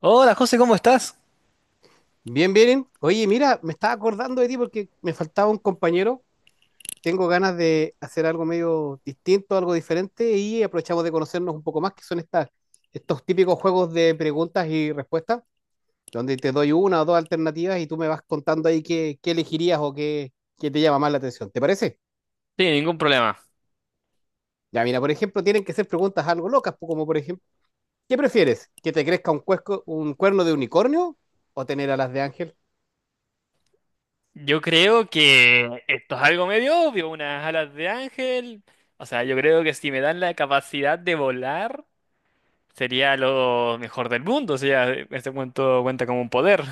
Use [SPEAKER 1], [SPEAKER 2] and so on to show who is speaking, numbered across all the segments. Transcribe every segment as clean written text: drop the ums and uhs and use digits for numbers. [SPEAKER 1] Hola José, ¿cómo estás?
[SPEAKER 2] Bien, bien. Oye, mira, me estaba acordando de ti porque me faltaba un compañero. Tengo ganas de hacer algo medio distinto, algo diferente y aprovechamos de conocernos un poco más, que son estos típicos juegos de preguntas y respuestas, donde te doy una o dos alternativas y tú me vas contando ahí qué elegirías o qué te llama más la atención. ¿Te parece?
[SPEAKER 1] Sí, nada más.
[SPEAKER 2] Ya, mira, por ejemplo, tienen que ser preguntas algo locas, como por ejemplo, ¿qué prefieres? ¿Que te crezca un cuerno de unicornio o tener alas de ángel?
[SPEAKER 1] Yo creo que esto es algo medio obvio, unas alas de ángel. O sea, yo creo que si me dan la capacidad de volar, sería lo mejor del mundo. O sea, este cuento cuenta como un poder.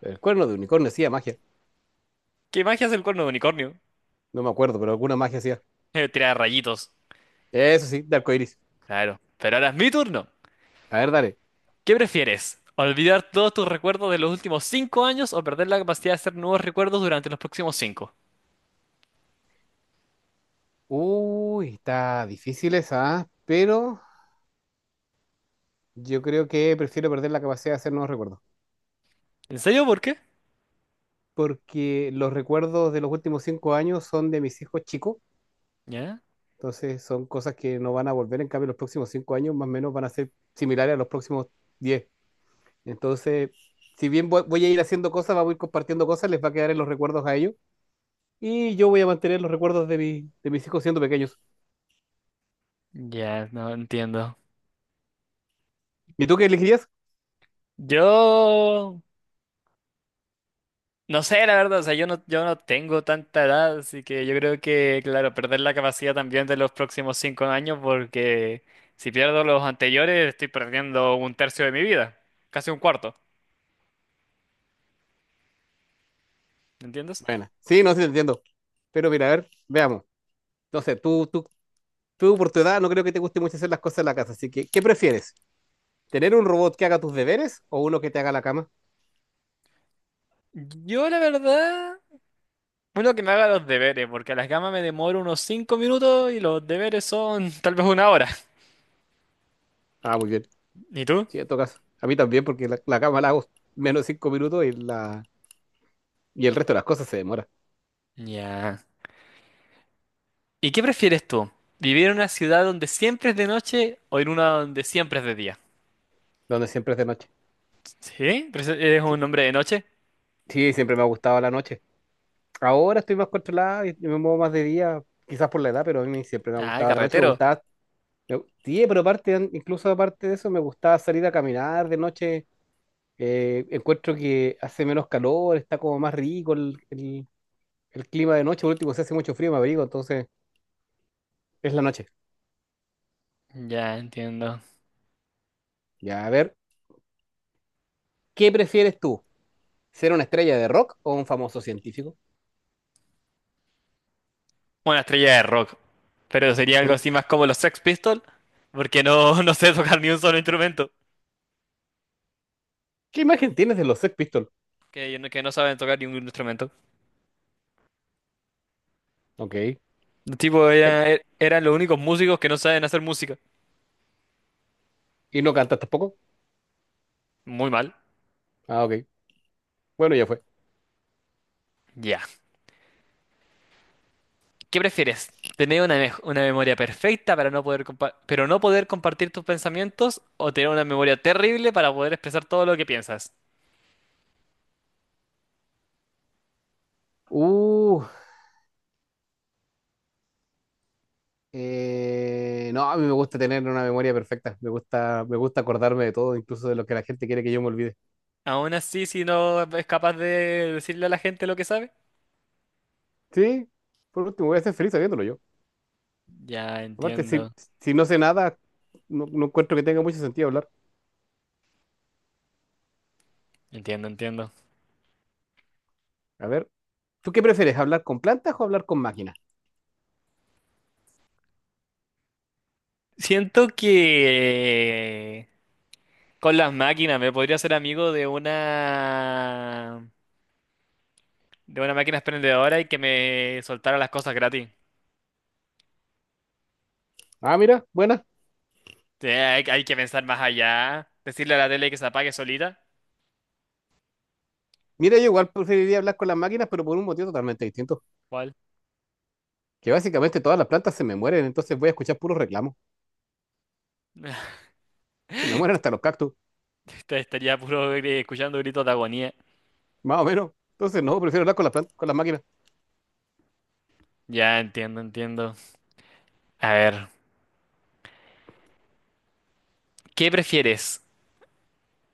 [SPEAKER 2] El cuerno de unicornio hacía magia.
[SPEAKER 1] ¿Qué magia es el cuerno de unicornio?
[SPEAKER 2] No me acuerdo, pero alguna magia hacía.
[SPEAKER 1] Tirar rayitos.
[SPEAKER 2] Eso sí, de arcoíris.
[SPEAKER 1] Claro. Pero ahora es mi turno.
[SPEAKER 2] A ver, dale.
[SPEAKER 1] ¿Qué prefieres? ¿Olvidar todos tus recuerdos de los últimos 5 años o perder la capacidad de hacer nuevos recuerdos durante los próximos cinco?
[SPEAKER 2] Uy, está difícil esa, ¿ah? Pero yo creo que prefiero perder la capacidad de hacer nuevos recuerdos.
[SPEAKER 1] ¿En serio? ¿Por qué?
[SPEAKER 2] Porque los recuerdos de los últimos 5 años son de mis hijos chicos.
[SPEAKER 1] ¿Ya?
[SPEAKER 2] Entonces son cosas que no van a volver. En cambio, los próximos 5 años más o menos van a ser similares a los próximos diez. Entonces, si bien voy a ir haciendo cosas, voy a ir compartiendo cosas, les va a quedar en los recuerdos a ellos. Y yo voy a mantener los recuerdos de, de mis hijos siendo pequeños.
[SPEAKER 1] Ya, no entiendo.
[SPEAKER 2] ¿Y tú qué elegirías?
[SPEAKER 1] Yo no sé, la verdad, o sea, yo no tengo tanta edad, así que yo creo que, claro, perder la capacidad también de los próximos 5 años, porque si pierdo los anteriores, estoy perdiendo un tercio de mi vida, casi un cuarto, ¿me entiendes?
[SPEAKER 2] Bueno, sí, no sé, te entiendo. Pero mira, a ver, veamos. No sé, tú por tu edad no creo que te guste mucho hacer las cosas en la casa, así que, ¿qué prefieres? ¿Tener un robot que haga tus deberes o uno que te haga la cama?
[SPEAKER 1] Yo, la verdad, uno que me haga los deberes, porque a las gamas me demoro unos 5 minutos y los deberes son tal vez una hora.
[SPEAKER 2] Ah, muy bien.
[SPEAKER 1] ¿Y tú?
[SPEAKER 2] Sí, en todo caso. A mí también, porque la cama la hago menos de 5 minutos y, y el resto de las cosas se demora,
[SPEAKER 1] Ya. ¿Y qué prefieres tú? ¿Vivir en una ciudad donde siempre es de noche o en una donde siempre es de día?
[SPEAKER 2] donde siempre es de noche.
[SPEAKER 1] ¿Sí? ¿Eres un
[SPEAKER 2] Sí,
[SPEAKER 1] hombre de noche?
[SPEAKER 2] sí, siempre me ha gustado la noche. Ahora estoy más controlado y me muevo más de día, quizás por la edad, pero a mí siempre me ha
[SPEAKER 1] Ah,
[SPEAKER 2] gustado la noche, me
[SPEAKER 1] carretero.
[SPEAKER 2] gustaba... Sí, pero aparte, incluso aparte de eso, me gustaba salir a caminar de noche. Encuentro que hace menos calor, está como más rico el clima de noche. Por último, se hace mucho frío, me abrigo, entonces es la noche.
[SPEAKER 1] Ya entiendo.
[SPEAKER 2] Ya, a ver, ¿qué prefieres tú? ¿Ser una estrella de rock o un famoso científico?
[SPEAKER 1] Una estrella de rock. Pero sería algo
[SPEAKER 2] ¿Por
[SPEAKER 1] así más como los Sex Pistols, porque no, no sé tocar ni un solo instrumento.
[SPEAKER 2] qué imagen tienes de los Sex Pistols?
[SPEAKER 1] Que no saben tocar ni un instrumento.
[SPEAKER 2] Ok.
[SPEAKER 1] Los tipos
[SPEAKER 2] Tac.
[SPEAKER 1] eran los únicos músicos que no saben hacer música.
[SPEAKER 2] ¿Y no cantas tampoco?
[SPEAKER 1] Muy mal.
[SPEAKER 2] Ah, ok. Bueno, ya fue.
[SPEAKER 1] Ya. ¿Qué prefieres? ¿Tener una memoria perfecta para no poder compa- pero no poder compartir tus pensamientos o tener una memoria terrible para poder expresar todo lo que piensas?
[SPEAKER 2] Uh, no, a mí me gusta tener una memoria perfecta. Me gusta acordarme de todo, incluso de lo que la gente quiere que yo me olvide.
[SPEAKER 1] Aún así, si no es capaz de decirle a la gente lo que sabe.
[SPEAKER 2] Sí, por último, voy a ser feliz sabiéndolo yo.
[SPEAKER 1] Ya
[SPEAKER 2] Aparte,
[SPEAKER 1] entiendo,
[SPEAKER 2] si no sé nada, no encuentro que tenga mucho sentido hablar.
[SPEAKER 1] entiendo, entiendo.
[SPEAKER 2] A ver, ¿tú qué prefieres, hablar con plantas o hablar con máquinas?
[SPEAKER 1] Siento que con las máquinas me podría ser amigo de una máquina expendedora y que me soltara las cosas gratis.
[SPEAKER 2] Ah, mira, buena.
[SPEAKER 1] Hay que pensar más allá. Decirle a la tele que se apague solita.
[SPEAKER 2] Mira, yo igual preferiría hablar con las máquinas, pero por un motivo totalmente distinto.
[SPEAKER 1] ¿Cuál?
[SPEAKER 2] Que básicamente todas las plantas se me mueren, entonces voy a escuchar puros reclamos. Se me mueren hasta los cactus,
[SPEAKER 1] Te Estaría puro escuchando gritos de agonía.
[SPEAKER 2] más o menos. Entonces, no, prefiero hablar con las plantas, con las máquinas.
[SPEAKER 1] Ya entiendo, entiendo. A ver, ¿qué prefieres?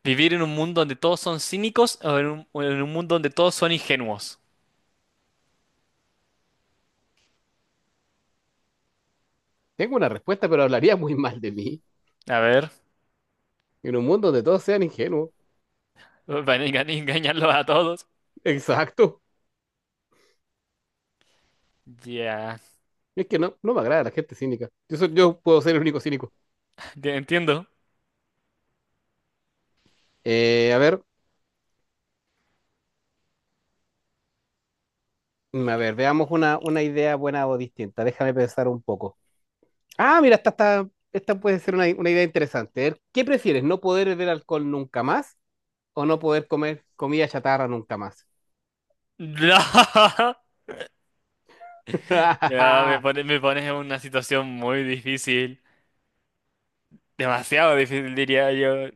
[SPEAKER 1] ¿Vivir en un mundo donde todos son cínicos o en un mundo donde todos son ingenuos?
[SPEAKER 2] Tengo una respuesta, pero hablaría muy mal de mí.
[SPEAKER 1] A ver,
[SPEAKER 2] En un mundo donde todos sean ingenuos.
[SPEAKER 1] van a engañarlos a todos.
[SPEAKER 2] Exacto.
[SPEAKER 1] Ya,
[SPEAKER 2] Es que no, no me agrada la gente cínica. Yo, yo puedo ser el único cínico.
[SPEAKER 1] ya entiendo.
[SPEAKER 2] Eh, a ver, A ver, veamos una idea buena o distinta. Déjame pensar un poco. Ah, mira, esta puede ser una idea interesante. A ver, ¿qué prefieres, no poder beber alcohol nunca más o no poder comer comida chatarra nunca más?
[SPEAKER 1] Ya, me pone- me pones en una situación muy difícil. Demasiado difícil, diría yo.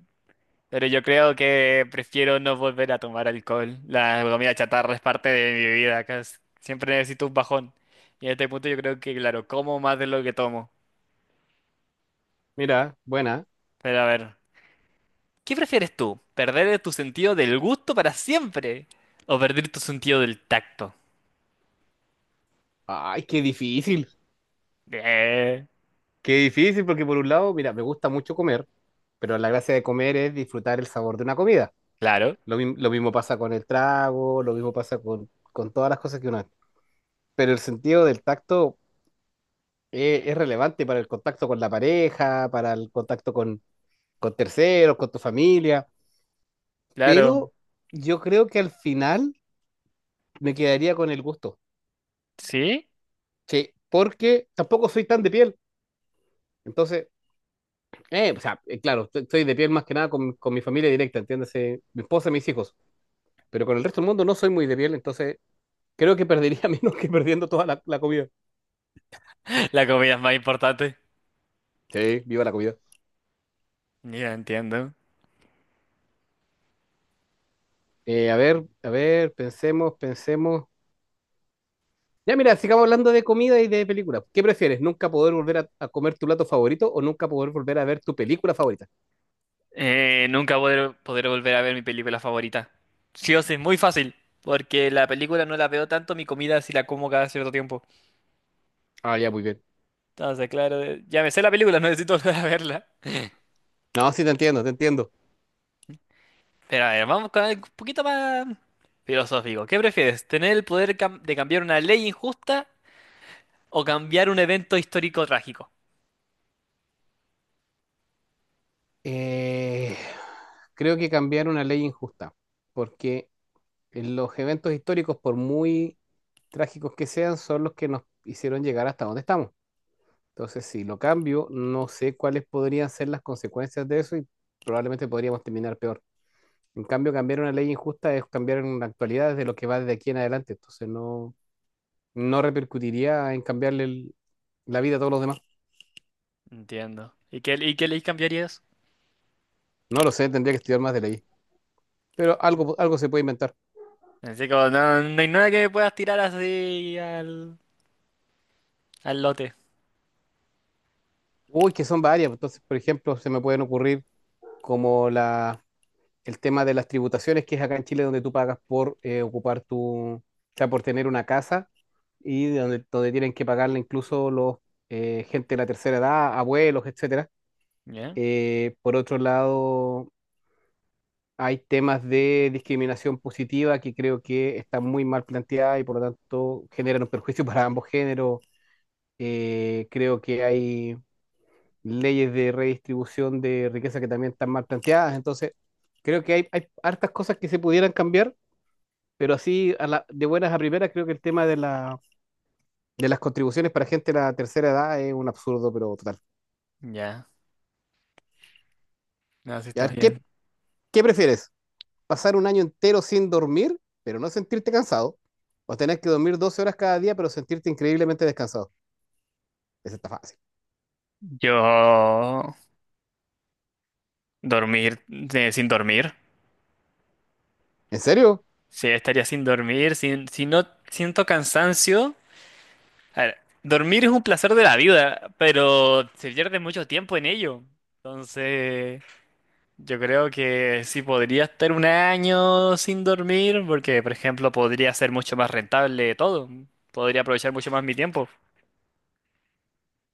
[SPEAKER 1] Pero yo creo que prefiero no volver a tomar alcohol. La comida chatarra es parte de mi vida, casi. Siempre necesito un bajón. Y en este punto yo creo que, claro, como más de lo que tomo.
[SPEAKER 2] Mira, buena.
[SPEAKER 1] Pero a ver. ¿Qué prefieres tú? ¿Perder tu sentido del gusto para siempre? ¿O perder tu sentido del tacto?
[SPEAKER 2] Ay, qué difícil.
[SPEAKER 1] Eh,
[SPEAKER 2] Qué difícil, porque por un lado, mira, me gusta mucho comer, pero la gracia de comer es disfrutar el sabor de una comida.
[SPEAKER 1] claro,
[SPEAKER 2] Lo mismo pasa con el trago, lo mismo pasa con todas las cosas que uno hace. Pero el sentido del tacto, es relevante para el contacto con la pareja, para el contacto con terceros, con tu familia,
[SPEAKER 1] claro.
[SPEAKER 2] pero yo creo que al final me quedaría con el gusto,
[SPEAKER 1] ¿Sí?
[SPEAKER 2] sí, porque tampoco soy tan de piel, entonces, claro, soy de piel más que nada con, con mi familia directa, entiéndase, mi esposa y mis hijos, pero con el resto del mundo no soy muy de piel, entonces creo que perdería menos que perdiendo toda la comida.
[SPEAKER 1] La comida es más importante.
[SPEAKER 2] Sí, viva la comida.
[SPEAKER 1] Ya entiendo.
[SPEAKER 2] A ver, pensemos, pensemos. Ya, mira, sigamos hablando de comida y de películas. ¿Qué prefieres? ¿Nunca poder volver a comer tu plato favorito o nunca poder volver a ver tu película favorita?
[SPEAKER 1] Nunca poder volver a ver mi película favorita. Sí o sí, muy fácil. Porque la película no la veo tanto, mi comida sí la como cada cierto tiempo.
[SPEAKER 2] Ah, ya, muy bien.
[SPEAKER 1] Entonces, claro, ya me sé la película, no necesito volver a verla.
[SPEAKER 2] No, sí, te entiendo, te entiendo.
[SPEAKER 1] Pero a ver, vamos con algo un poquito más filosófico. ¿Qué prefieres? ¿Tener el poder de cambiar una ley injusta? ¿O cambiar un evento histórico trágico?
[SPEAKER 2] Eh, creo que cambiar una ley injusta, porque en los eventos históricos, por muy trágicos que sean, son los que nos hicieron llegar hasta donde estamos. Entonces, si lo cambio, no sé cuáles podrían ser las consecuencias de eso y probablemente podríamos terminar peor. En cambio, cambiar una ley injusta es cambiar en la actualidad desde lo que va desde aquí en adelante. Entonces, no, no repercutiría en cambiarle la vida a todos los demás.
[SPEAKER 1] Entiendo. ¿Y qué ley cambiarías?
[SPEAKER 2] No lo sé, tendría que estudiar más de ley. Pero algo, algo se puede inventar.
[SPEAKER 1] Así como, no, no hay nada que me puedas tirar así al lote.
[SPEAKER 2] Uy, que son varias. Entonces, por ejemplo, se me pueden ocurrir como el tema de las tributaciones, que es acá en Chile donde tú pagas por ocupar tu, o sea, por tener una casa y de donde tienen que pagarle incluso los gente de la tercera edad, abuelos, etcétera.
[SPEAKER 1] ¿Ya?
[SPEAKER 2] Por otro lado, hay temas de discriminación positiva que creo que están muy mal planteadas y por lo tanto generan un perjuicio para ambos géneros. Creo que hay leyes de redistribución de riqueza que también están mal planteadas. Entonces, creo que hay hartas cosas que se pudieran cambiar, pero así de buenas a primeras creo que el tema de las contribuciones para gente de la tercera edad es un absurdo, pero total.
[SPEAKER 1] Ya. No, sí
[SPEAKER 2] A
[SPEAKER 1] está
[SPEAKER 2] ver,
[SPEAKER 1] bien.
[SPEAKER 2] ¿qué prefieres? Pasar un año entero sin dormir, pero no sentirte cansado, o tener que dormir 12 horas cada día, pero sentirte increíblemente descansado. Eso está fácil.
[SPEAKER 1] Yo dormir sin dormir.
[SPEAKER 2] ¿En serio?
[SPEAKER 1] Sí, estaría sin dormir, sin, si no siento cansancio. A ver, dormir es un placer de la vida, pero se pierde mucho tiempo en ello. Entonces, yo creo que sí podría estar un año sin dormir, porque, por ejemplo, podría ser mucho más rentable todo. Podría aprovechar mucho más mi tiempo.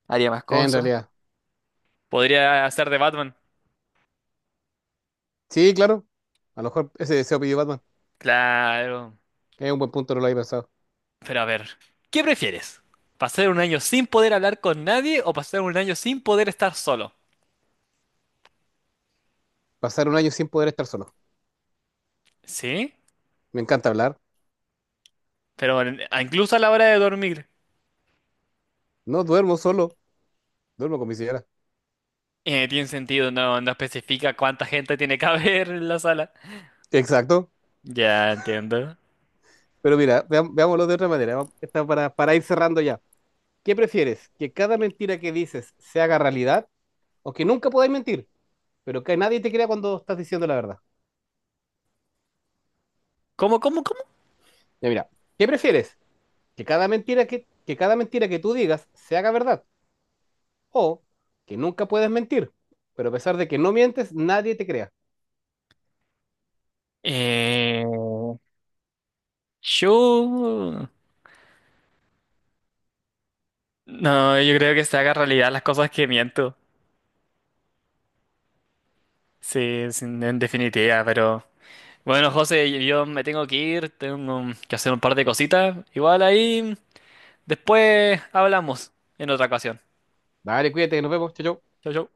[SPEAKER 1] Haría más
[SPEAKER 2] En
[SPEAKER 1] cosas.
[SPEAKER 2] realidad.
[SPEAKER 1] Podría hacer de Batman.
[SPEAKER 2] Sí, claro. A lo mejor ese deseo pidió Batman.
[SPEAKER 1] Claro.
[SPEAKER 2] Es un buen punto, no lo había pensado.
[SPEAKER 1] Pero a ver, ¿qué prefieres? ¿Pasar un año sin poder hablar con nadie o pasar un año sin poder estar solo?
[SPEAKER 2] Pasar un año sin poder estar solo.
[SPEAKER 1] Sí,
[SPEAKER 2] Me encanta hablar.
[SPEAKER 1] pero incluso a la hora de dormir.
[SPEAKER 2] No duermo solo, duermo con mi señora.
[SPEAKER 1] Tiene sentido, no especifica cuánta gente tiene que haber en la sala.
[SPEAKER 2] Exacto.
[SPEAKER 1] Ya entiendo.
[SPEAKER 2] Pero mira, veámoslo de otra manera. Está para ir cerrando ya. ¿Qué prefieres? ¿Que cada mentira que dices se haga realidad? ¿O que nunca podáis mentir, pero que nadie te crea cuando estás diciendo la verdad?
[SPEAKER 1] ¿Cómo, cómo, cómo?
[SPEAKER 2] Ya mira, ¿qué prefieres? ¿Que cada mentira que tú digas se haga verdad? ¿O que nunca puedes mentir, pero a pesar de que no mientes, nadie te crea?
[SPEAKER 1] Eh... Yo... No, yo creo que se haga realidad las cosas que miento. Sí, sí, en definitiva, pero... Bueno, José, yo me tengo que ir, tengo que hacer un par de cositas. Igual ahí, después hablamos en otra ocasión.
[SPEAKER 2] Dale, cuídate, nos vemos, chau, chau.
[SPEAKER 1] Chau, chau.